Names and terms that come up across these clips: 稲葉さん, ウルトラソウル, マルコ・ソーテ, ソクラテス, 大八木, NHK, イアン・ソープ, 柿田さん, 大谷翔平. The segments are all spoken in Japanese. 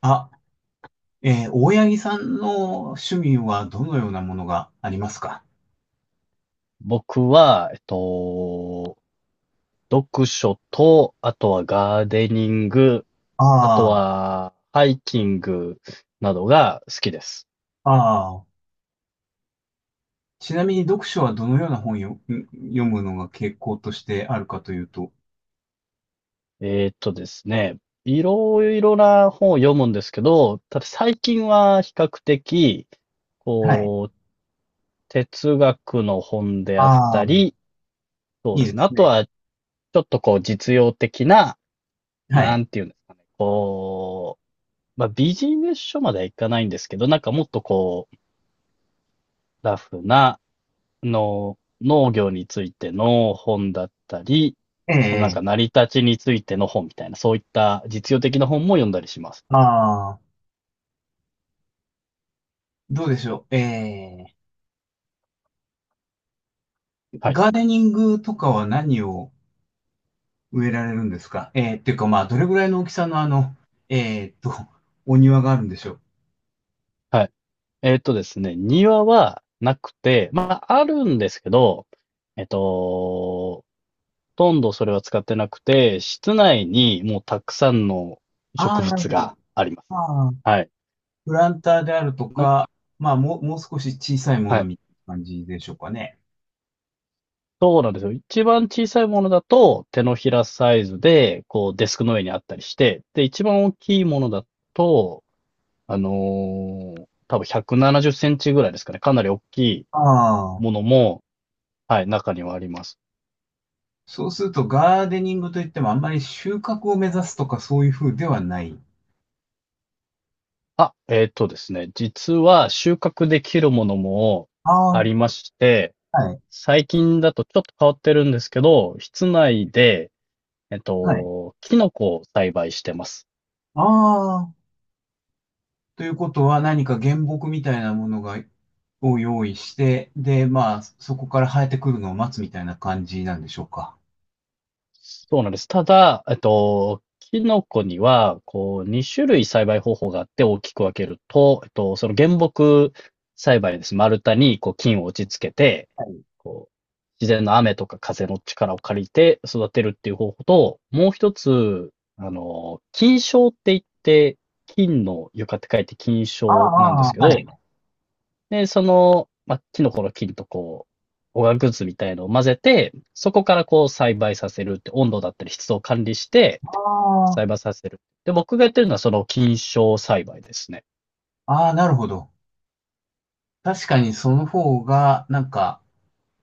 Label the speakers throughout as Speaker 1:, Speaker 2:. Speaker 1: あ、大八木さんの趣味はどのようなものがありますか？
Speaker 2: 僕は、読書と、あとはガーデニング、あと
Speaker 1: あ
Speaker 2: はハイキングなどが好きです。
Speaker 1: あ、ああ。ちなみに読書はどのような本読むのが傾向としてあるかというと。
Speaker 2: えーっとですね、いろいろな本を読むんですけど、ただ最近は比較的、
Speaker 1: はい。
Speaker 2: こう、哲学の本であっ
Speaker 1: ああ、
Speaker 2: たり、そう
Speaker 1: いい
Speaker 2: で
Speaker 1: で
Speaker 2: すね。あ
Speaker 1: す
Speaker 2: と
Speaker 1: ね。
Speaker 2: は、ちょっとこう、実用的な、
Speaker 1: は
Speaker 2: な
Speaker 1: い。
Speaker 2: んていうんですかね。こう、まあ、ビジネス書まではいかないんですけど、なんかもっとこう、ラフな、の、農業についての本だったり、
Speaker 1: え
Speaker 2: そのなんか
Speaker 1: え、
Speaker 2: 成り立ちについての本みたいな、そういった実用的な本も読んだりします。
Speaker 1: ああ、どうでしょう。ええ、
Speaker 2: はい。
Speaker 1: ガーデニングとかは何を植えられるんですか？ええ、っていうかまあ、どれぐらいの大きさのええと、お庭があるんでしょう？
Speaker 2: はい。えっとですね、庭はなくて、まあ、あるんですけど、えっと、ほとんどそれは使ってなくて、室内にもうたくさんの
Speaker 1: あ
Speaker 2: 植
Speaker 1: あ、なる
Speaker 2: 物
Speaker 1: ほど。
Speaker 2: があります。
Speaker 1: ああ、
Speaker 2: はい。
Speaker 1: プランターであると
Speaker 2: な
Speaker 1: か、まあ、もう少し小さいも
Speaker 2: は
Speaker 1: の
Speaker 2: い。
Speaker 1: みたいな感じでしょうかね。
Speaker 2: そうなんですよ。一番小さいものだと手のひらサイズで、こうデスクの上にあったりして、で、一番大きいものだと、あの多分170センチぐらいですかね。かなり大きい
Speaker 1: ああ。
Speaker 2: ものも、はい、中にはあります。
Speaker 1: そうすると、ガーデニングといっても、あんまり収穫を目指すとか、そういう風ではない。
Speaker 2: あ、えっとですね。実は収穫できるものも
Speaker 1: あ
Speaker 2: あ
Speaker 1: あ、
Speaker 2: りまして、
Speaker 1: はい、
Speaker 2: 最近だとちょっと変わってるんですけど、室内で、
Speaker 1: はい。
Speaker 2: キノコを栽培してます。
Speaker 1: ああ。ということは、何か原木みたいなものを用意して、で、まあ、そこから生えてくるのを待つみたいな感じなんでしょうか？
Speaker 2: そうなんです。ただ、キノコには、こう、2種類栽培方法があって大きく分けると、その原木栽培です。丸太に、こう、菌を打ち付けて、
Speaker 1: はい。
Speaker 2: こう、自然の雨とか風の力を借りて育てるっていう方法と、もう一つ、あの、菌床って言って、菌の床って書いて菌
Speaker 1: ああ、
Speaker 2: 床なんです
Speaker 1: あ
Speaker 2: け
Speaker 1: あ、は
Speaker 2: ど、
Speaker 1: い。
Speaker 2: で、その、まあ、キノコの菌とこう、オーガグッズみたいのを混ぜて、そこからこう栽培させるって、温度だったり湿度を管理して、
Speaker 1: あ
Speaker 2: 栽
Speaker 1: あ、
Speaker 2: 培させる。で、僕がやってるのはその菌床栽培ですね。
Speaker 1: ああ、なるほど。確かにその方が、なんか、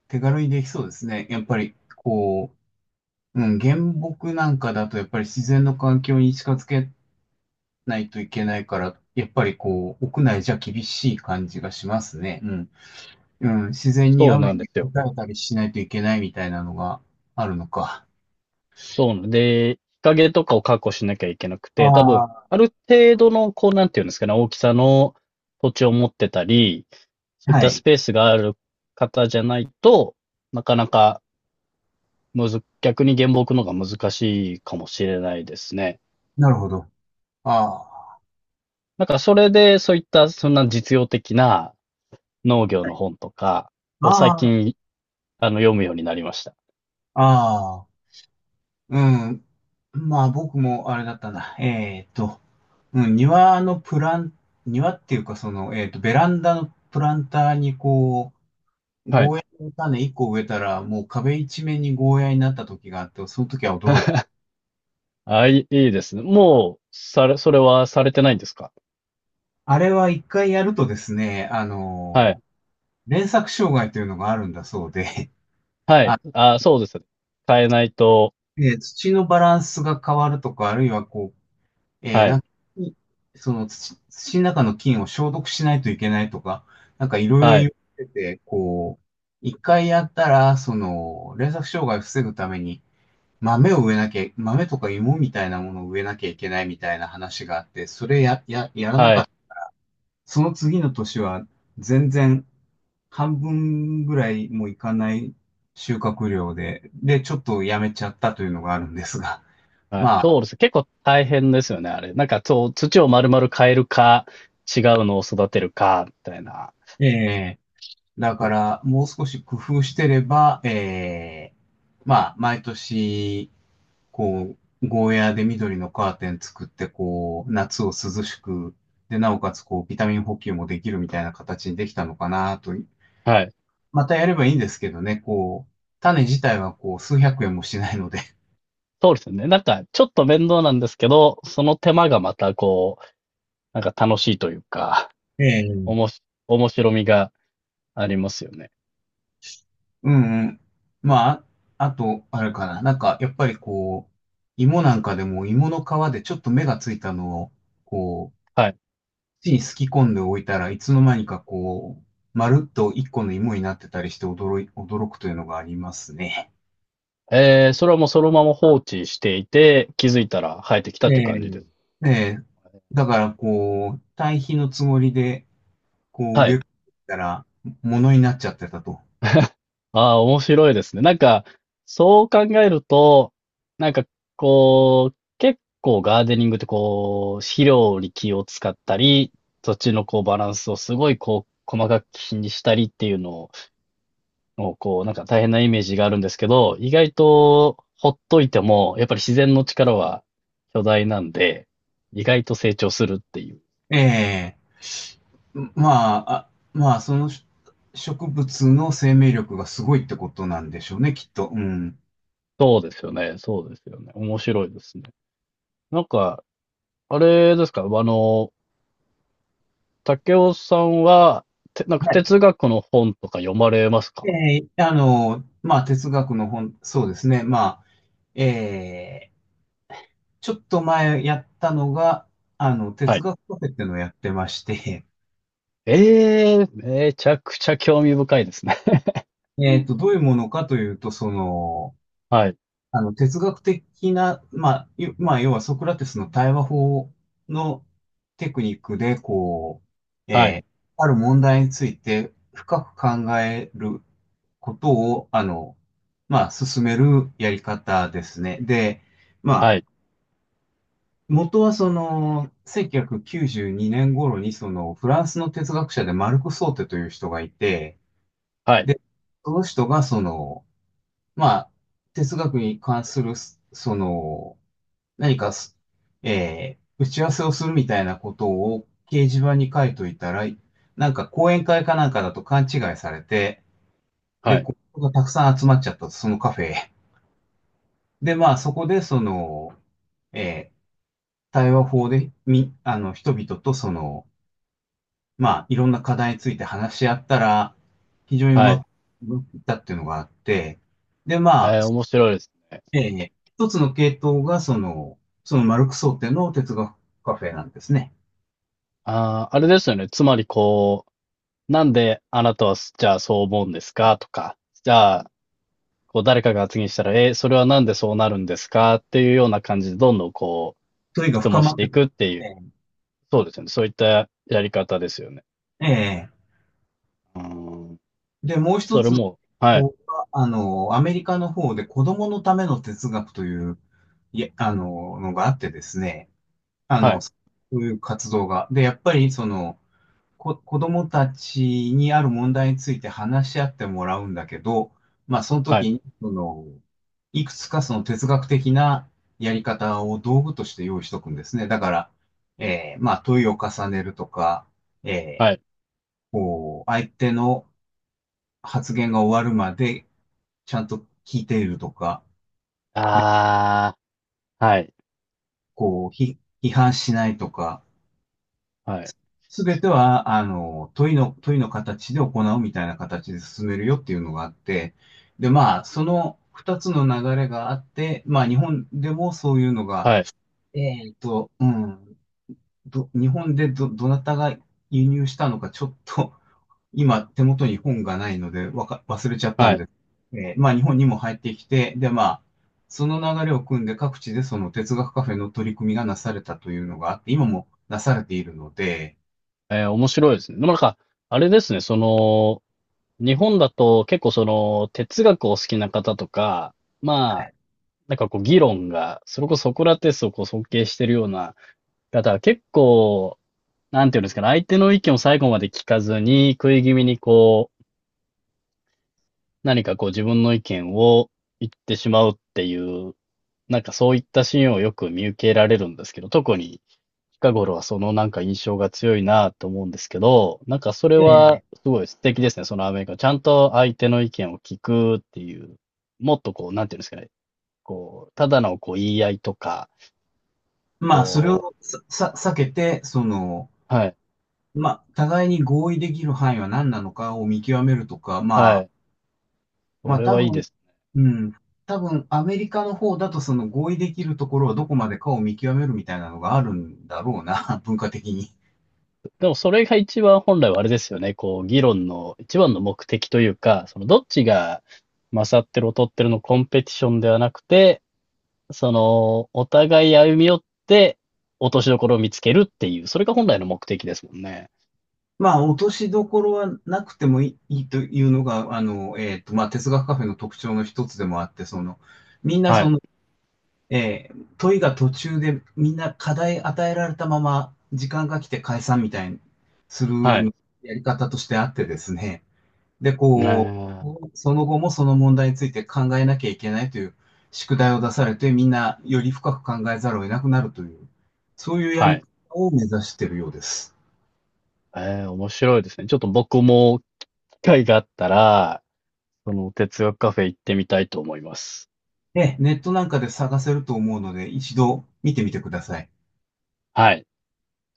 Speaker 1: 手軽にできそうですね。やっぱり、うん、原木なんかだと、やっぱり自然の環境に近づけないといけないから、やっぱり屋内じゃ厳しい感じがしますね。うん。うん、自然に
Speaker 2: そう
Speaker 1: 雨
Speaker 2: なんで
Speaker 1: に
Speaker 2: すよ。
Speaker 1: 打たれたりしないといけないみたいなのがあるのか。
Speaker 2: そうなんで、日陰とかを確保しなきゃいけなくて、多分、
Speaker 1: ああ、
Speaker 2: ある程度の、こう、なんていうんですかね、大きさの土地を持ってたり、そういっ
Speaker 1: は
Speaker 2: たス
Speaker 1: い。
Speaker 2: ペースがある方じゃないと、なかなかむず、逆に原木の方が難しいかもしれないですね。
Speaker 1: なるほど。ああ、
Speaker 2: なんかそれで、そういったそんな実用的な農業
Speaker 1: は
Speaker 2: の
Speaker 1: い、
Speaker 2: 本とか
Speaker 1: あ、
Speaker 2: を最
Speaker 1: あ
Speaker 2: 近、あの、読むようになりました。
Speaker 1: あ、ああ、うん。まあ僕もあれだったな。うん、庭のプラン、庭っていうか、ベランダのプランターに
Speaker 2: はい。
Speaker 1: ゴーヤの種1個植えたら、もう壁一面にゴーヤになった時があって、その時は驚いた。
Speaker 2: あ、いい、いいですね。もう、され、それはされてないんですか。
Speaker 1: あれは一回やるとですね、
Speaker 2: はい。
Speaker 1: 連作障害というのがあるんだそうで、
Speaker 2: はい。
Speaker 1: あ、
Speaker 2: あ、そうですね。変えないと、
Speaker 1: 土のバランスが変わるとか、あるいはこえー、
Speaker 2: は
Speaker 1: なん
Speaker 2: い。
Speaker 1: か、いその土の中の菌を消毒しないといけないとか、なんかいろいろ
Speaker 2: は
Speaker 1: 言
Speaker 2: い。
Speaker 1: ってて、一回やったら、連作障害を防ぐために、豆を植えなきゃ、豆とか芋みたいなものを植えなきゃいけないみたいな話があって、それ、やらな
Speaker 2: は
Speaker 1: かっ
Speaker 2: い。
Speaker 1: た。その次の年は、全然、半分ぐらいもいかない収穫量で、ちょっとやめちゃったというのがあるんですが、
Speaker 2: はい。
Speaker 1: ま
Speaker 2: そ
Speaker 1: あ、
Speaker 2: うです。結構大変ですよね、あれ。なんか、そう、土を丸々変えるか、違うのを育てるか、みたいな。
Speaker 1: ええだ
Speaker 2: そ
Speaker 1: か
Speaker 2: う
Speaker 1: ら、もう少し工夫してれば、まあ、毎年、こゴーヤーで緑のカーテン作って、こう、夏を涼しく、で、なおかつ、ビタミン補給もできるみたいな形にできたのかなと。
Speaker 2: はい。
Speaker 1: またやればいいんですけどね、こう、種自体は、こう、数百円もしないので。
Speaker 2: そうですよね。なんか、ちょっと面倒なんですけど、その手間がまたこう、なんか楽しいというか、
Speaker 1: ええ。
Speaker 2: おもし、面白みがありますよね。
Speaker 1: うんうん。まあ、あと、あれかな。なんか、やっぱり芋なんかでも芋の皮でちょっと芽がついたのを、こ
Speaker 2: はい。
Speaker 1: 地にすき込んでおいたらいつの間にかまるっと一個の芋になってたりして驚くというのがありますね。
Speaker 2: えー、それはもうそのまま放置していて、気づいたら生えてき
Speaker 1: え
Speaker 2: たという感じで
Speaker 1: え、
Speaker 2: す。
Speaker 1: ええ、だから堆肥のつもりで、こう
Speaker 2: は
Speaker 1: 植え
Speaker 2: い。
Speaker 1: たら、ものになっちゃってたと。
Speaker 2: ああ、面白いですね。なんか、そう考えると、なんか、こう、結構ガーデニングってこう、肥料に気を使ったり、土地のこうバランスをすごいこう、細かく気にしたりっていうのをの、こう、なんか大変なイメージがあるんですけど、意外とほっといても、やっぱり自然の力は巨大なんで、意外と成長するっていう。
Speaker 1: ええ、まあ、そのし植物の生命力がすごいってことなんでしょうね、きっと。うん。
Speaker 2: そうですよね。そうですよね。面白いですね。なんか、あれですか、あの、竹雄さんは、て、なんか
Speaker 1: はい。
Speaker 2: 哲学の本とか読まれますか。
Speaker 1: ええ、まあ、哲学の本、そうですね。まあ、ええちょっと前やったのが、
Speaker 2: は
Speaker 1: 哲
Speaker 2: い。
Speaker 1: 学カフェっていうのをやってまして、
Speaker 2: ええめちゃくちゃ興味深いですね。
Speaker 1: どういうものかというと、
Speaker 2: はい、
Speaker 1: 哲学的な、まあ、要はソクラテスの対話法のテクニックで、
Speaker 2: はい、
Speaker 1: ある問題について深く考えることを、まあ、進めるやり方ですね。で、まあ、
Speaker 2: はい、
Speaker 1: 元はその、1992年頃にその、フランスの哲学者でマルコ・ソーテという人がいて、
Speaker 2: はい、
Speaker 1: で、その人がその、まあ、哲学に関する、その、何かす、えー打ち合わせをするみたいなことを掲示板に書いといたら、なんか講演会かなんかだと勘違いされて、で、
Speaker 2: はい、
Speaker 1: ここがたくさん集まっちゃったと、そのカフェへ。で、まあ、そこでその、えー対話法で、み、あの、人々とその、まあ、いろんな課題について話し合ったら、非常にう
Speaker 2: は
Speaker 1: ま
Speaker 2: い。
Speaker 1: くいったっていうのがあって、で、まあ、
Speaker 2: えー、面白いですね。
Speaker 1: 一つの系統が、その、マルクス想定の哲学カフェなんですね。
Speaker 2: ああ、あれですよね。つまりこう、なんであなたはすじゃあそう思うんですかとか、じゃあ、こう誰かが発言したら、え、それはなんでそうなるんですかっていうような感じで、どんどんこ
Speaker 1: 問い
Speaker 2: う、
Speaker 1: が
Speaker 2: 質
Speaker 1: 深
Speaker 2: 問
Speaker 1: ま
Speaker 2: し
Speaker 1: っ
Speaker 2: て
Speaker 1: て
Speaker 2: い
Speaker 1: くる。
Speaker 2: くっていう、
Speaker 1: え
Speaker 2: そうですよね。そういったやり方ですよね。
Speaker 1: え、ええ。
Speaker 2: うーん。
Speaker 1: で、もう一
Speaker 2: それ
Speaker 1: つの
Speaker 2: も、
Speaker 1: 系
Speaker 2: はい、
Speaker 1: 統が、あの、アメリカの方で子供のための哲学という、のがあってですね、
Speaker 2: はい、
Speaker 1: そういう活動が。で、やっぱり、子供たちにある問題について話し合ってもらうんだけど、まあ、その
Speaker 2: はい、
Speaker 1: 時に、その、いくつかその哲学的なやり方を道具として用意しとくんですね。だから、まあ、問いを重ねるとか、えー
Speaker 2: はい。
Speaker 1: こう、相手の発言が終わるまでちゃんと聞いているとか、で、
Speaker 2: ああ、はい、
Speaker 1: 批判しないとか、
Speaker 2: はい、
Speaker 1: すべては、問いの形で行うみたいな形で進めるよっていうのがあって、で、まあ、その二つの流れがあって、まあ、日本でもそういうのが、
Speaker 2: はい、
Speaker 1: えっと、うん、日本でどなたが輸入したのか、ちょっと、今、手元に本がないので、忘れちゃった
Speaker 2: は
Speaker 1: ん
Speaker 2: い。
Speaker 1: です。まあ、日本にも入ってきて、で、まあ、その流れを組んで、各地でその哲学カフェの取り組みがなされたというのがあって、今もなされているので、
Speaker 2: えー面白いですね。でもなんか、あれですね、その、日本だと結構その、哲学を好きな方とか、
Speaker 1: は
Speaker 2: まあ、
Speaker 1: い。
Speaker 2: なんかこう議論が、それこそソクラテスをこう尊敬してるような方は結構、なんていうんですかね、相手の意見を最後まで聞かずに、食い気味にこう、何かこう自分の意見を言ってしまうっていう、なんかそういったシーンをよく見受けられるんですけど、特に近頃はそのなんか印象が強いなと思うんですけど、なんかそれは
Speaker 1: ええ
Speaker 2: すごい素敵ですね、そのアメリカ。ちゃんと相手の意見を聞くっていう、もっとこう、なんていうんですかね、こう、ただのこう言い合いとか、
Speaker 1: まあ、それ
Speaker 2: こ
Speaker 1: を
Speaker 2: う、
Speaker 1: 避けて、
Speaker 2: はい。
Speaker 1: まあ、互いに合意できる範囲は何なのかを見極めるとか、ま
Speaker 2: は
Speaker 1: あ、
Speaker 2: い。
Speaker 1: ま
Speaker 2: そ
Speaker 1: あ、
Speaker 2: れはいいです。
Speaker 1: うん、多分、アメリカの方だと、その合意できるところはどこまでかを見極めるみたいなのがあるんだろうな、文化的に。
Speaker 2: でもそれが一番本来はあれですよね。こう、議論の一番の目的というか、そのどっちが勝ってる劣ってるのコンペティションではなくて、その、お互い歩み寄って、落としどころを見つけるっていう、それが本来の目的ですもんね。
Speaker 1: まあ、落としどころはなくてもいいというのが、まあ、哲学カフェの特徴の一つでもあって、その、みんな
Speaker 2: は
Speaker 1: そ
Speaker 2: い。
Speaker 1: の、問いが途中でみんな課題与えられたまま時間が来て解散みたいにする
Speaker 2: はい。
Speaker 1: やり方としてあってですね。で、
Speaker 2: ねえ。
Speaker 1: その後もその問題について考えなきゃいけないという宿題を出されてみんなより深く考えざるを得なくなるという、そういうや
Speaker 2: は
Speaker 1: り
Speaker 2: い。
Speaker 1: 方を目指しているようです。
Speaker 2: ええ、面白いですね。ちょっと僕も機会があったら、その哲学カフェ行ってみたいと思います。
Speaker 1: で、ネットなんかで探せると思うので一度見てみてください。
Speaker 2: はい。